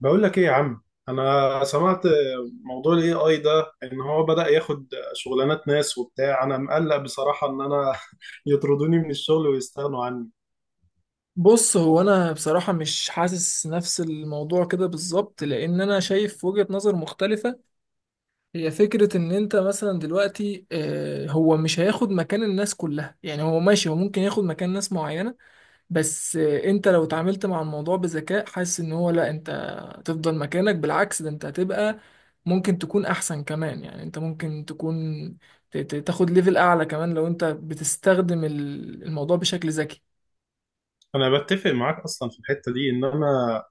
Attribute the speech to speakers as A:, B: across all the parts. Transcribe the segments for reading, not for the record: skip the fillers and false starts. A: بقول لك ايه يا عم. انا سمعت موضوع الاي اي ده ان هو بدأ ياخد شغلانات ناس وبتاع. انا مقلق بصراحة ان انا يطردوني من الشغل ويستغنوا عني.
B: بص، هو انا بصراحة مش حاسس نفس الموضوع كده بالظبط، لان انا شايف وجهة نظر مختلفة. هي فكرة ان انت مثلا دلوقتي هو مش هياخد مكان الناس كلها، يعني هو ماشي، هو ممكن ياخد مكان ناس معينة. بس انت لو اتعاملت مع الموضوع بذكاء، حاسس ان هو لا، انت هتفضل مكانك. بالعكس، ده انت هتبقى ممكن تكون احسن كمان. يعني انت ممكن تكون تاخد ليفل اعلى كمان لو انت بتستخدم الموضوع بشكل ذكي.
A: انا بتفق معاك اصلا في الحتة دي ان انا،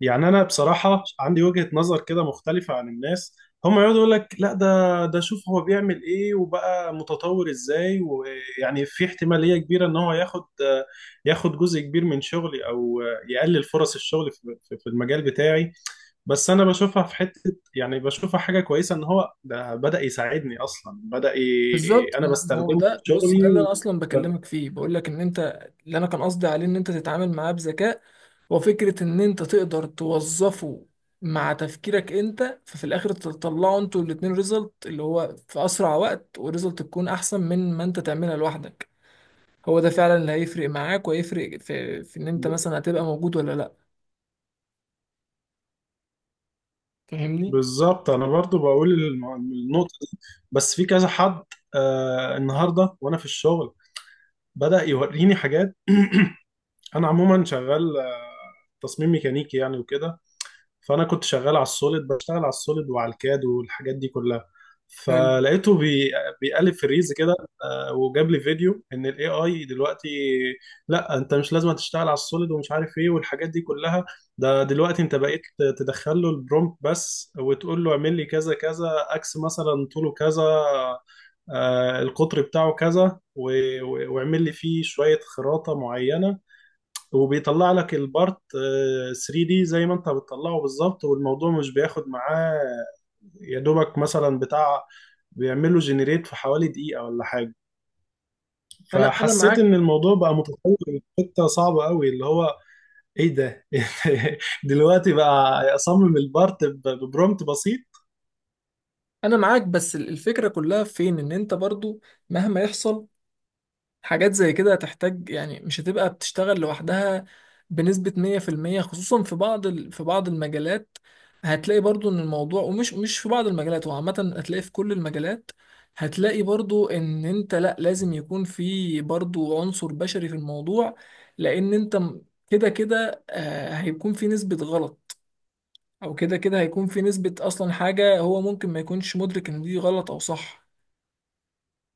A: انا بصراحة عندي وجهة نظر كده مختلفة عن الناس. هم يقعدوا يقول لك لا، ده شوف هو بيعمل ايه وبقى متطور ازاي، ويعني في احتمالية كبيرة ان هو ياخد جزء كبير من شغلي، او يقلل فرص الشغل في في المجال بتاعي. بس انا بشوفها في حته، يعني بشوفها حاجه كويسه ان هو ده بدا يساعدني اصلا،
B: بالظبط،
A: انا
B: ما هو
A: بستخدمه في
B: ده، بص، ده
A: شغلي
B: اللي
A: و...
B: انا اصلا
A: ب-
B: بكلمك فيه، بقول لك ان انت، اللي انا كان قصدي عليه، ان انت تتعامل معاه بذكاء، وفكرة ان انت تقدر توظفه مع تفكيرك انت، ففي الاخر تطلعوا انتوا الاتنين ريزلت اللي هو في اسرع وقت، وريزلت تكون احسن من ما انت تعملها لوحدك. هو ده فعلا اللي هيفرق معاك، وهيفرق في ان انت
A: ب-
B: مثلا هتبقى موجود ولا لا. فاهمني؟
A: بالظبط. انا برضو بقول النقطه دي. بس في كذا حد آه النهارده وانا في الشغل بدا يوريني حاجات. انا عموما شغال تصميم ميكانيكي يعني وكده. فانا كنت شغال على السوليد، بشتغل على السوليد وعلى الكاد والحاجات دي كلها.
B: حلو.
A: فلقيته بي... بيقلب في الريلز كده. آه، وجاب لي فيديو ان الاي اي دلوقتي لا انت مش لازم تشتغل على السوليد ومش عارف ايه والحاجات دي كلها. ده دلوقتي انت بقيت تدخل له البرومبت بس وتقول له اعمل لي كذا كذا اكس مثلا طوله كذا، آه، القطر بتاعه كذا و- و- واعمل لي فيه شوية خراطة معينة، وبيطلع لك البارت 3 دي زي ما انت بتطلعه بالظبط. والموضوع مش بياخد معاه يا دوبك مثلا بتاع، بيعمله جنريت في حوالي دقيقة ولا حاجة.
B: انا
A: فحسيت
B: معاك.
A: ان الموضوع بقى متطور لحتة صعبة قوي اللي هو ايه ده! دلوقتي بقى اصمم البارت ببرومت بسيط.
B: انا معاك، بس الفكرة كلها فين؟ ان انت برضو مهما يحصل، حاجات زي كده هتحتاج، يعني مش هتبقى بتشتغل لوحدها بنسبة 100%، خصوصا في بعض في بعض المجالات. هتلاقي برضو ان الموضوع، ومش مش في بعض المجالات، هو عامة هتلاقي في كل المجالات. هتلاقي برضو ان انت لا، لازم يكون في برضو عنصر بشري في الموضوع. لان انت كده كده هيكون في نسبة غلط. او كده كده هيكون في نسبة اصلا حاجة هو ممكن ما يكونش مدرك ان دي غلط او صح.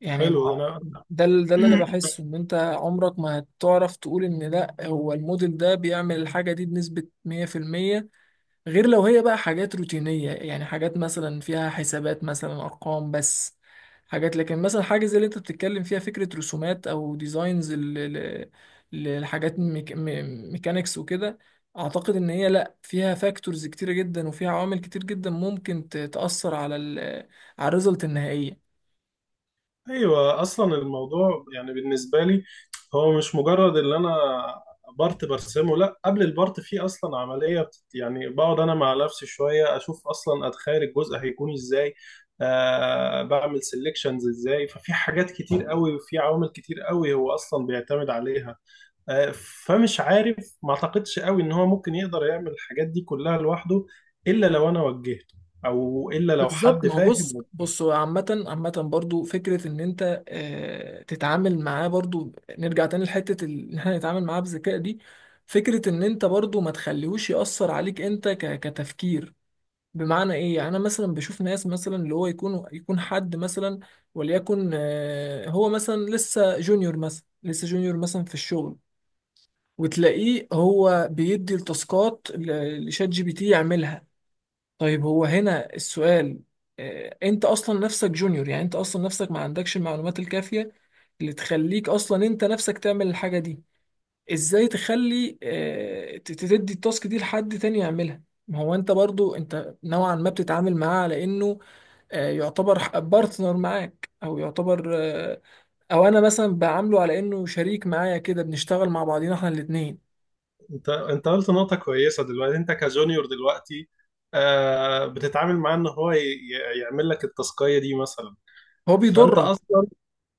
B: يعني
A: حلو.
B: ما-
A: انا
B: ده ده اللي انا بحسه، ان انت عمرك ما هتعرف تقول ان لا، هو الموديل ده بيعمل الحاجه دي بنسبه 100%. غير لو هي بقى حاجات روتينيه، يعني حاجات مثلا فيها حسابات، مثلا ارقام بس، حاجات. لكن مثلا حاجه زي اللي انت بتتكلم فيها، فكره رسومات او ديزاينز للحاجات ميكانيكس وكده، اعتقد ان هي لا، فيها فاكتورز كتيره جدا، وفيها عوامل كتير جدا ممكن تاثر على على الريزلت النهائيه.
A: ايوه، اصلا الموضوع يعني بالنسبه لي هو مش مجرد اللي انا بارت برسمه، لا، قبل البارت فيه اصلا عمليه بت... يعني بقعد انا مع نفسي شويه اشوف، اصلا اتخيل الجزء هيكون ازاي، آه بعمل سيلكشنز ازاي. ففي حاجات كتير قوي وفي عوامل كتير قوي هو اصلا بيعتمد عليها. آه، فمش عارف، ما اعتقدش قوي ان هو ممكن يقدر يعمل الحاجات دي كلها لوحده الا لو انا وجهته، او الا لو
B: بالظبط.
A: حد
B: ما هو، بص
A: فاهم.
B: بص هو عامة، عامة برضو فكرة إن أنت تتعامل معاه برضو. نرجع تاني لحتة إن احنا نتعامل معاه بذكاء دي. فكرة إن أنت برضو ما تخليهوش يأثر عليك أنت كتفكير. بمعنى إيه؟ يعني أنا مثلا بشوف ناس، مثلا اللي هو يكون، حد مثلا، وليكن هو مثلا لسه جونيور، مثلا لسه جونيور مثلا في الشغل، وتلاقيه هو بيدي التاسكات لشات جي بي تي يعملها. طيب هو هنا السؤال، انت اصلا نفسك جونيور. يعني انت اصلا نفسك ما عندكش المعلومات الكافية اللي تخليك اصلا انت نفسك تعمل الحاجة دي. ازاي تخلي، تدي التاسك دي لحد تاني يعملها؟ ما هو انت برضو انت نوعا ما بتتعامل معاه على انه يعتبر بارتنر معاك، او يعتبر او انا مثلا بعامله على انه شريك معايا، كده بنشتغل مع بعضينا احنا الاتنين.
A: انت قلت نقطة كويسة دلوقتي. انت كجونيور دلوقتي آه بتتعامل معاه ان هو يعمل لك التاسكية دي مثلا.
B: هو
A: فانت
B: بيضرك.
A: اصلا،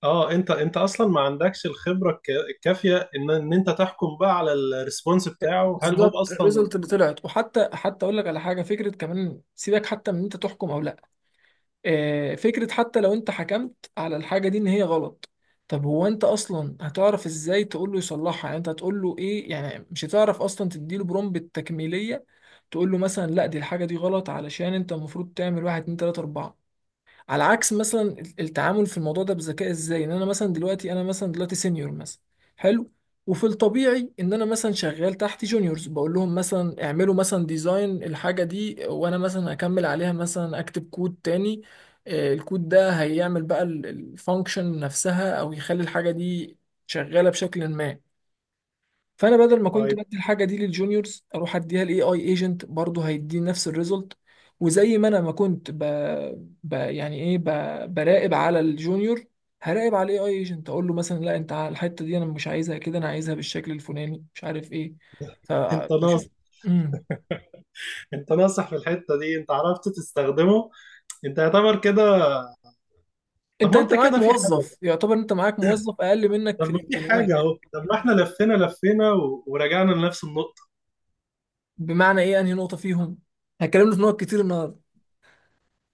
A: اه، انت اصلا ما عندكش الخبرة الكافية ان انت تحكم بقى على الريسبونس بتاعه، هل هو
B: بالظبط،
A: اصلا.
B: الريزلت اللي طلعت. وحتى، اقول لك على حاجه، فكره كمان، سيبك حتى من انت تحكم او لا، فكره حتى لو انت حكمت على الحاجه دي ان هي غلط، طب هو انت اصلا هتعرف ازاي تقول له يصلحها؟ يعني انت هتقول له ايه؟ يعني مش هتعرف اصلا تديله برومبت التكميليه، تقول له مثلا لا، دي الحاجه دي غلط، علشان انت المفروض تعمل واحد اتنين تلاته اربعه. على عكس مثلا التعامل في الموضوع ده بذكاء. ازاي؟ ان انا مثلا دلوقتي، سينيور مثلا. حلو. وفي الطبيعي ان انا مثلا شغال تحت جونيورز، بقول لهم مثلا اعملوا مثلا ديزاين الحاجه دي، وانا مثلا اكمل عليها، مثلا اكتب كود تاني. الكود ده هيعمل بقى الفانكشن نفسها، او يخلي الحاجه دي شغاله بشكل ما. فانا بدل ما كنت
A: ايوه،
B: بدي الحاجه دي للجونيورز، اروح اديها لاي اي ايجنت، برضه هيديني نفس الريزلت. وزي ما انا ما كنت ب... ب... يعني ايه ب... براقب على الجونيور، هراقب على الاي اي ايجنت، اقول له مثلا لا، انت على الحته دي انا مش عايزها كده، انا عايزها بالشكل الفلاني مش عارف ايه.
A: انت
B: فبشوف.
A: ناصح.
B: امم
A: انت ناصح في الحتة دي، انت عرفت تستخدمه، انت يعتبر كده. طب
B: انت
A: ما
B: انت
A: انت
B: معاك
A: كده في حاجة.
B: موظف، يعتبر انت معاك موظف اقل منك في
A: طب ما في حاجة
B: الامكانيات.
A: اهو. طب ما احنا لفينا ورجعنا لنفس النقطة.
B: بمعنى ايه؟ انهي نقطه فيهم؟ هتكلمنا في نقط كتير النهارده.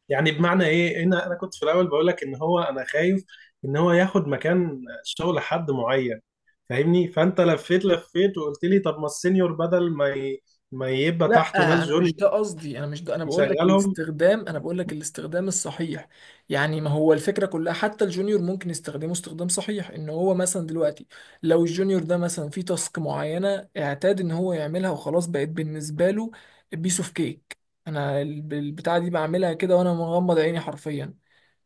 A: يعني بمعنى ايه، انا كنت في الاول بقول لك ان هو انا خايف ان هو ياخد مكان شغل حد معين، فاهمني. فانت لفيت وقلت لي طب ما السينيور بدل ما ما يبقى
B: لا،
A: تحته ناس
B: انا
A: جونيور
B: مش ده قصدي، انا مش ده انا بقول لك
A: يشغلهم.
B: الاستخدام، انا بقول لك الاستخدام الصحيح. يعني ما هو الفكره كلها، حتى الجونيور ممكن يستخدمه استخدام صحيح. ان هو مثلا دلوقتي، لو الجونيور ده مثلا في تاسك معينه اعتاد ان هو يعملها وخلاص، بقت بالنسبه له بيس اوف كيك. انا البتاعه دي بعملها كده وانا مغمض عيني حرفيا.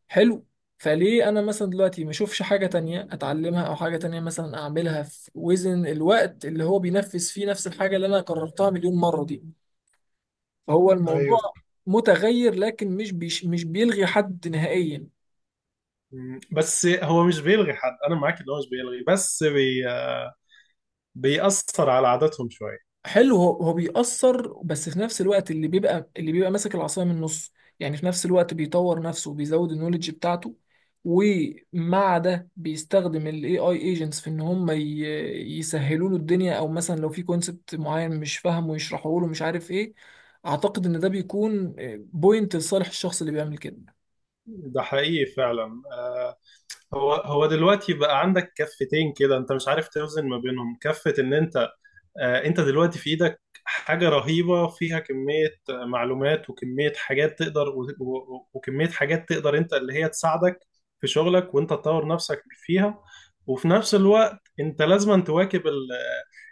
B: حلو. فليه انا مثلا دلوقتي ما اشوفش حاجه تانية اتعلمها، او حاجه تانية مثلا اعملها في وزن الوقت اللي هو بينفذ فيه نفس الحاجه اللي انا قررتها مليون مره دي؟ فهو الموضوع
A: ايوه.
B: متغير، لكن مش بيلغي حد نهائيا.
A: بس هو مش بيلغي حد، انا معاك ان هو مش بيلغي، بيأثر على عاداتهم شوية.
B: حلو. هو بيأثر، بس في نفس الوقت، اللي بيبقى، اللي بيبقى ماسك العصاية من النص، يعني في نفس الوقت بيطور نفسه وبيزود النولج بتاعته، ومع ده بيستخدم الاي اي ايجنتس في ان يسهلوا له الدنيا، او مثلا لو في كونسبت معين مش فاهمه يشرحه له مش عارف ايه. اعتقد ان ده بيكون بوينت لصالح الشخص اللي بيعمل كده.
A: ده حقيقي فعلا. هو دلوقتي بقى عندك كفتين كده انت مش عارف توزن ما بينهم. كفة ان انت آه، انت دلوقتي في ايدك حاجة رهيبة فيها كمية آه، معلومات وكمية حاجات تقدر، و- و- وكمية حاجات تقدر انت اللي هي تساعدك في شغلك وانت تطور نفسك فيها. وفي نفس الوقت انت لازم تواكب ال-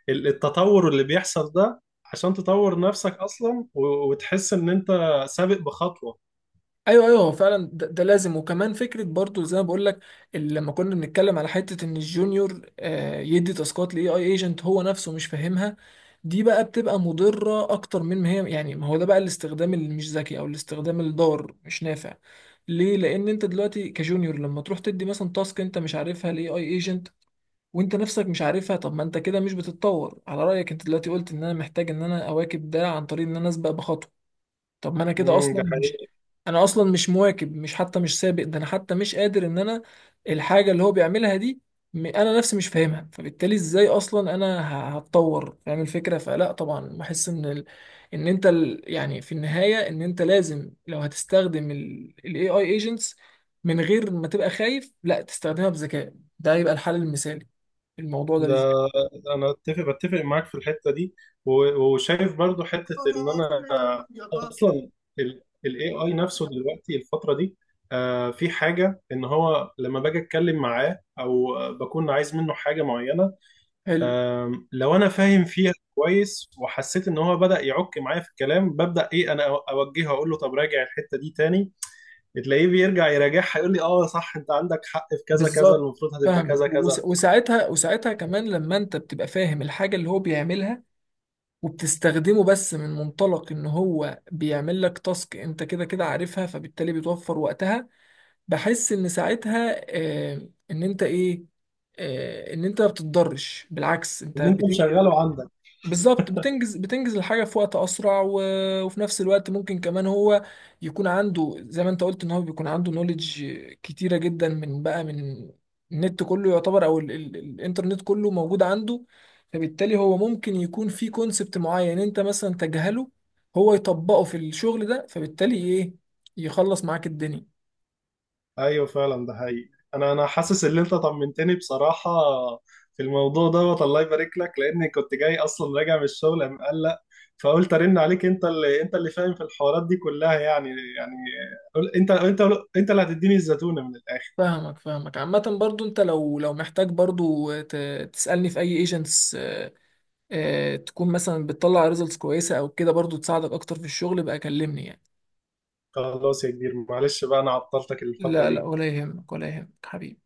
A: ال- التطور اللي بيحصل ده عشان تطور نفسك اصلا وتحس ان انت سابق بخطوة.
B: ايوه، ايوه. هو فعلا ده لازم، وكمان فكره برضو زي ما بقول لك، لما كنا بنتكلم على حته ان الجونيور يدي تاسكات لاي اي ايجنت هو نفسه مش فاهمها، دي بقى بتبقى مضره اكتر من ما هي، يعني ما هو ده بقى الاستخدام اللي مش ذكي، او الاستخدام الضار مش نافع. ليه؟ لان انت دلوقتي كجونيور، لما تروح تدي مثلا تاسك انت مش عارفها لاي اي ايجنت وانت نفسك مش عارفها، طب ما انت كده مش بتتطور. على رايك انت دلوقتي قلت ان انا محتاج ان انا اواكب ده عن طريق ان انا اسبق بخطوه، طب ما انا كده
A: امم، ده
B: اصلا مش،
A: حقيقي.
B: انا اصلا مش مواكب، مش سابق، ده انا حتى مش قادر ان انا الحاجه اللي هو بيعملها دي، انا نفسي مش فاهمها، فبالتالي ازاي اصلا انا هتطور؟ فاهم الفكره؟ فلا، طبعا بحس ان ال... ان انت ال... يعني في النهايه، ان انت لازم لو هتستخدم الاي اي ايجنتس من غير ما تبقى خايف، لا، تستخدمها بذكاء، ده يبقى الحل المثالي الموضوع ده
A: ده
B: بالذات.
A: انا بتفق معاك في الحتة دي، وشايف برضو حتة ان انا اصلا الاي اي نفسه دلوقتي الفتره دي آه، في حاجه ان هو لما باجي اتكلم معاه او آه، بكون عايز منه حاجه معينه،
B: حلو.
A: آم، لو انا فاهم فيها كويس وحسيت ان هو بدا يعك معايا في الكلام، ببدا ايه، انا اوجهه اقول له طب راجع الحته دي تاني. تلاقيه بيرجع يراجعها يقول لي اه صح، انت عندك حق في كذا كذا،
B: بالظبط،
A: المفروض هتبقى
B: فاهمك.
A: كذا كذا.
B: وساعتها، كمان لما انت بتبقى فاهم الحاجة اللي هو بيعملها، وبتستخدمه بس من منطلق ان هو بيعمل لك تاسك انت كده كده عارفها، فبالتالي بتوفر وقتها. بحس ان ساعتها آه، ان انت ايه ان انت ما بتتضرش، بالعكس انت
A: ان انت
B: بتنجز.
A: مشغله عندك.
B: بالظبط، بتنجز الحاجة في وقت أسرع. و... وفي نفس الوقت ممكن كمان هو يكون عنده، زي ما أنت قلت، إن هو بيكون عنده نوليدج كتيرة جدا من، بقى، من النت كله يعتبر، أو الإنترنت كله موجود عنده، فبالتالي هو ممكن يكون في كونسبت معين، يعني أنت مثلا تجهله، هو يطبقه في الشغل ده، فبالتالي إيه؟ يخلص معاك الدنيا.
A: ايوه فعلا، ده حقيقي. انا حاسس ان انت طمنتني بصراحه في الموضوع دوت. الله يبارك لك، لاني كنت جاي اصلا راجع من الشغل مقلق، فقلت ارن عليك انت اللي، انت اللي فاهم في الحوارات دي كلها يعني. يعني قول- انت انت انت اللي هتديني الزتونه من الاخر.
B: فاهمك، فاهمك. عامة برضو أنت لو، محتاج برضو تسألني في أي ايجنتس، تكون مثلا بتطلع ريزلتس كويسه او كده، برضو تساعدك اكتر في الشغل بقى، كلمني يعني.
A: خلاص يا كبير، معلش بقى انا عطلتك الفتره
B: لا، لا،
A: دي.
B: ولا يهمك، ولا يهمك حبيبي.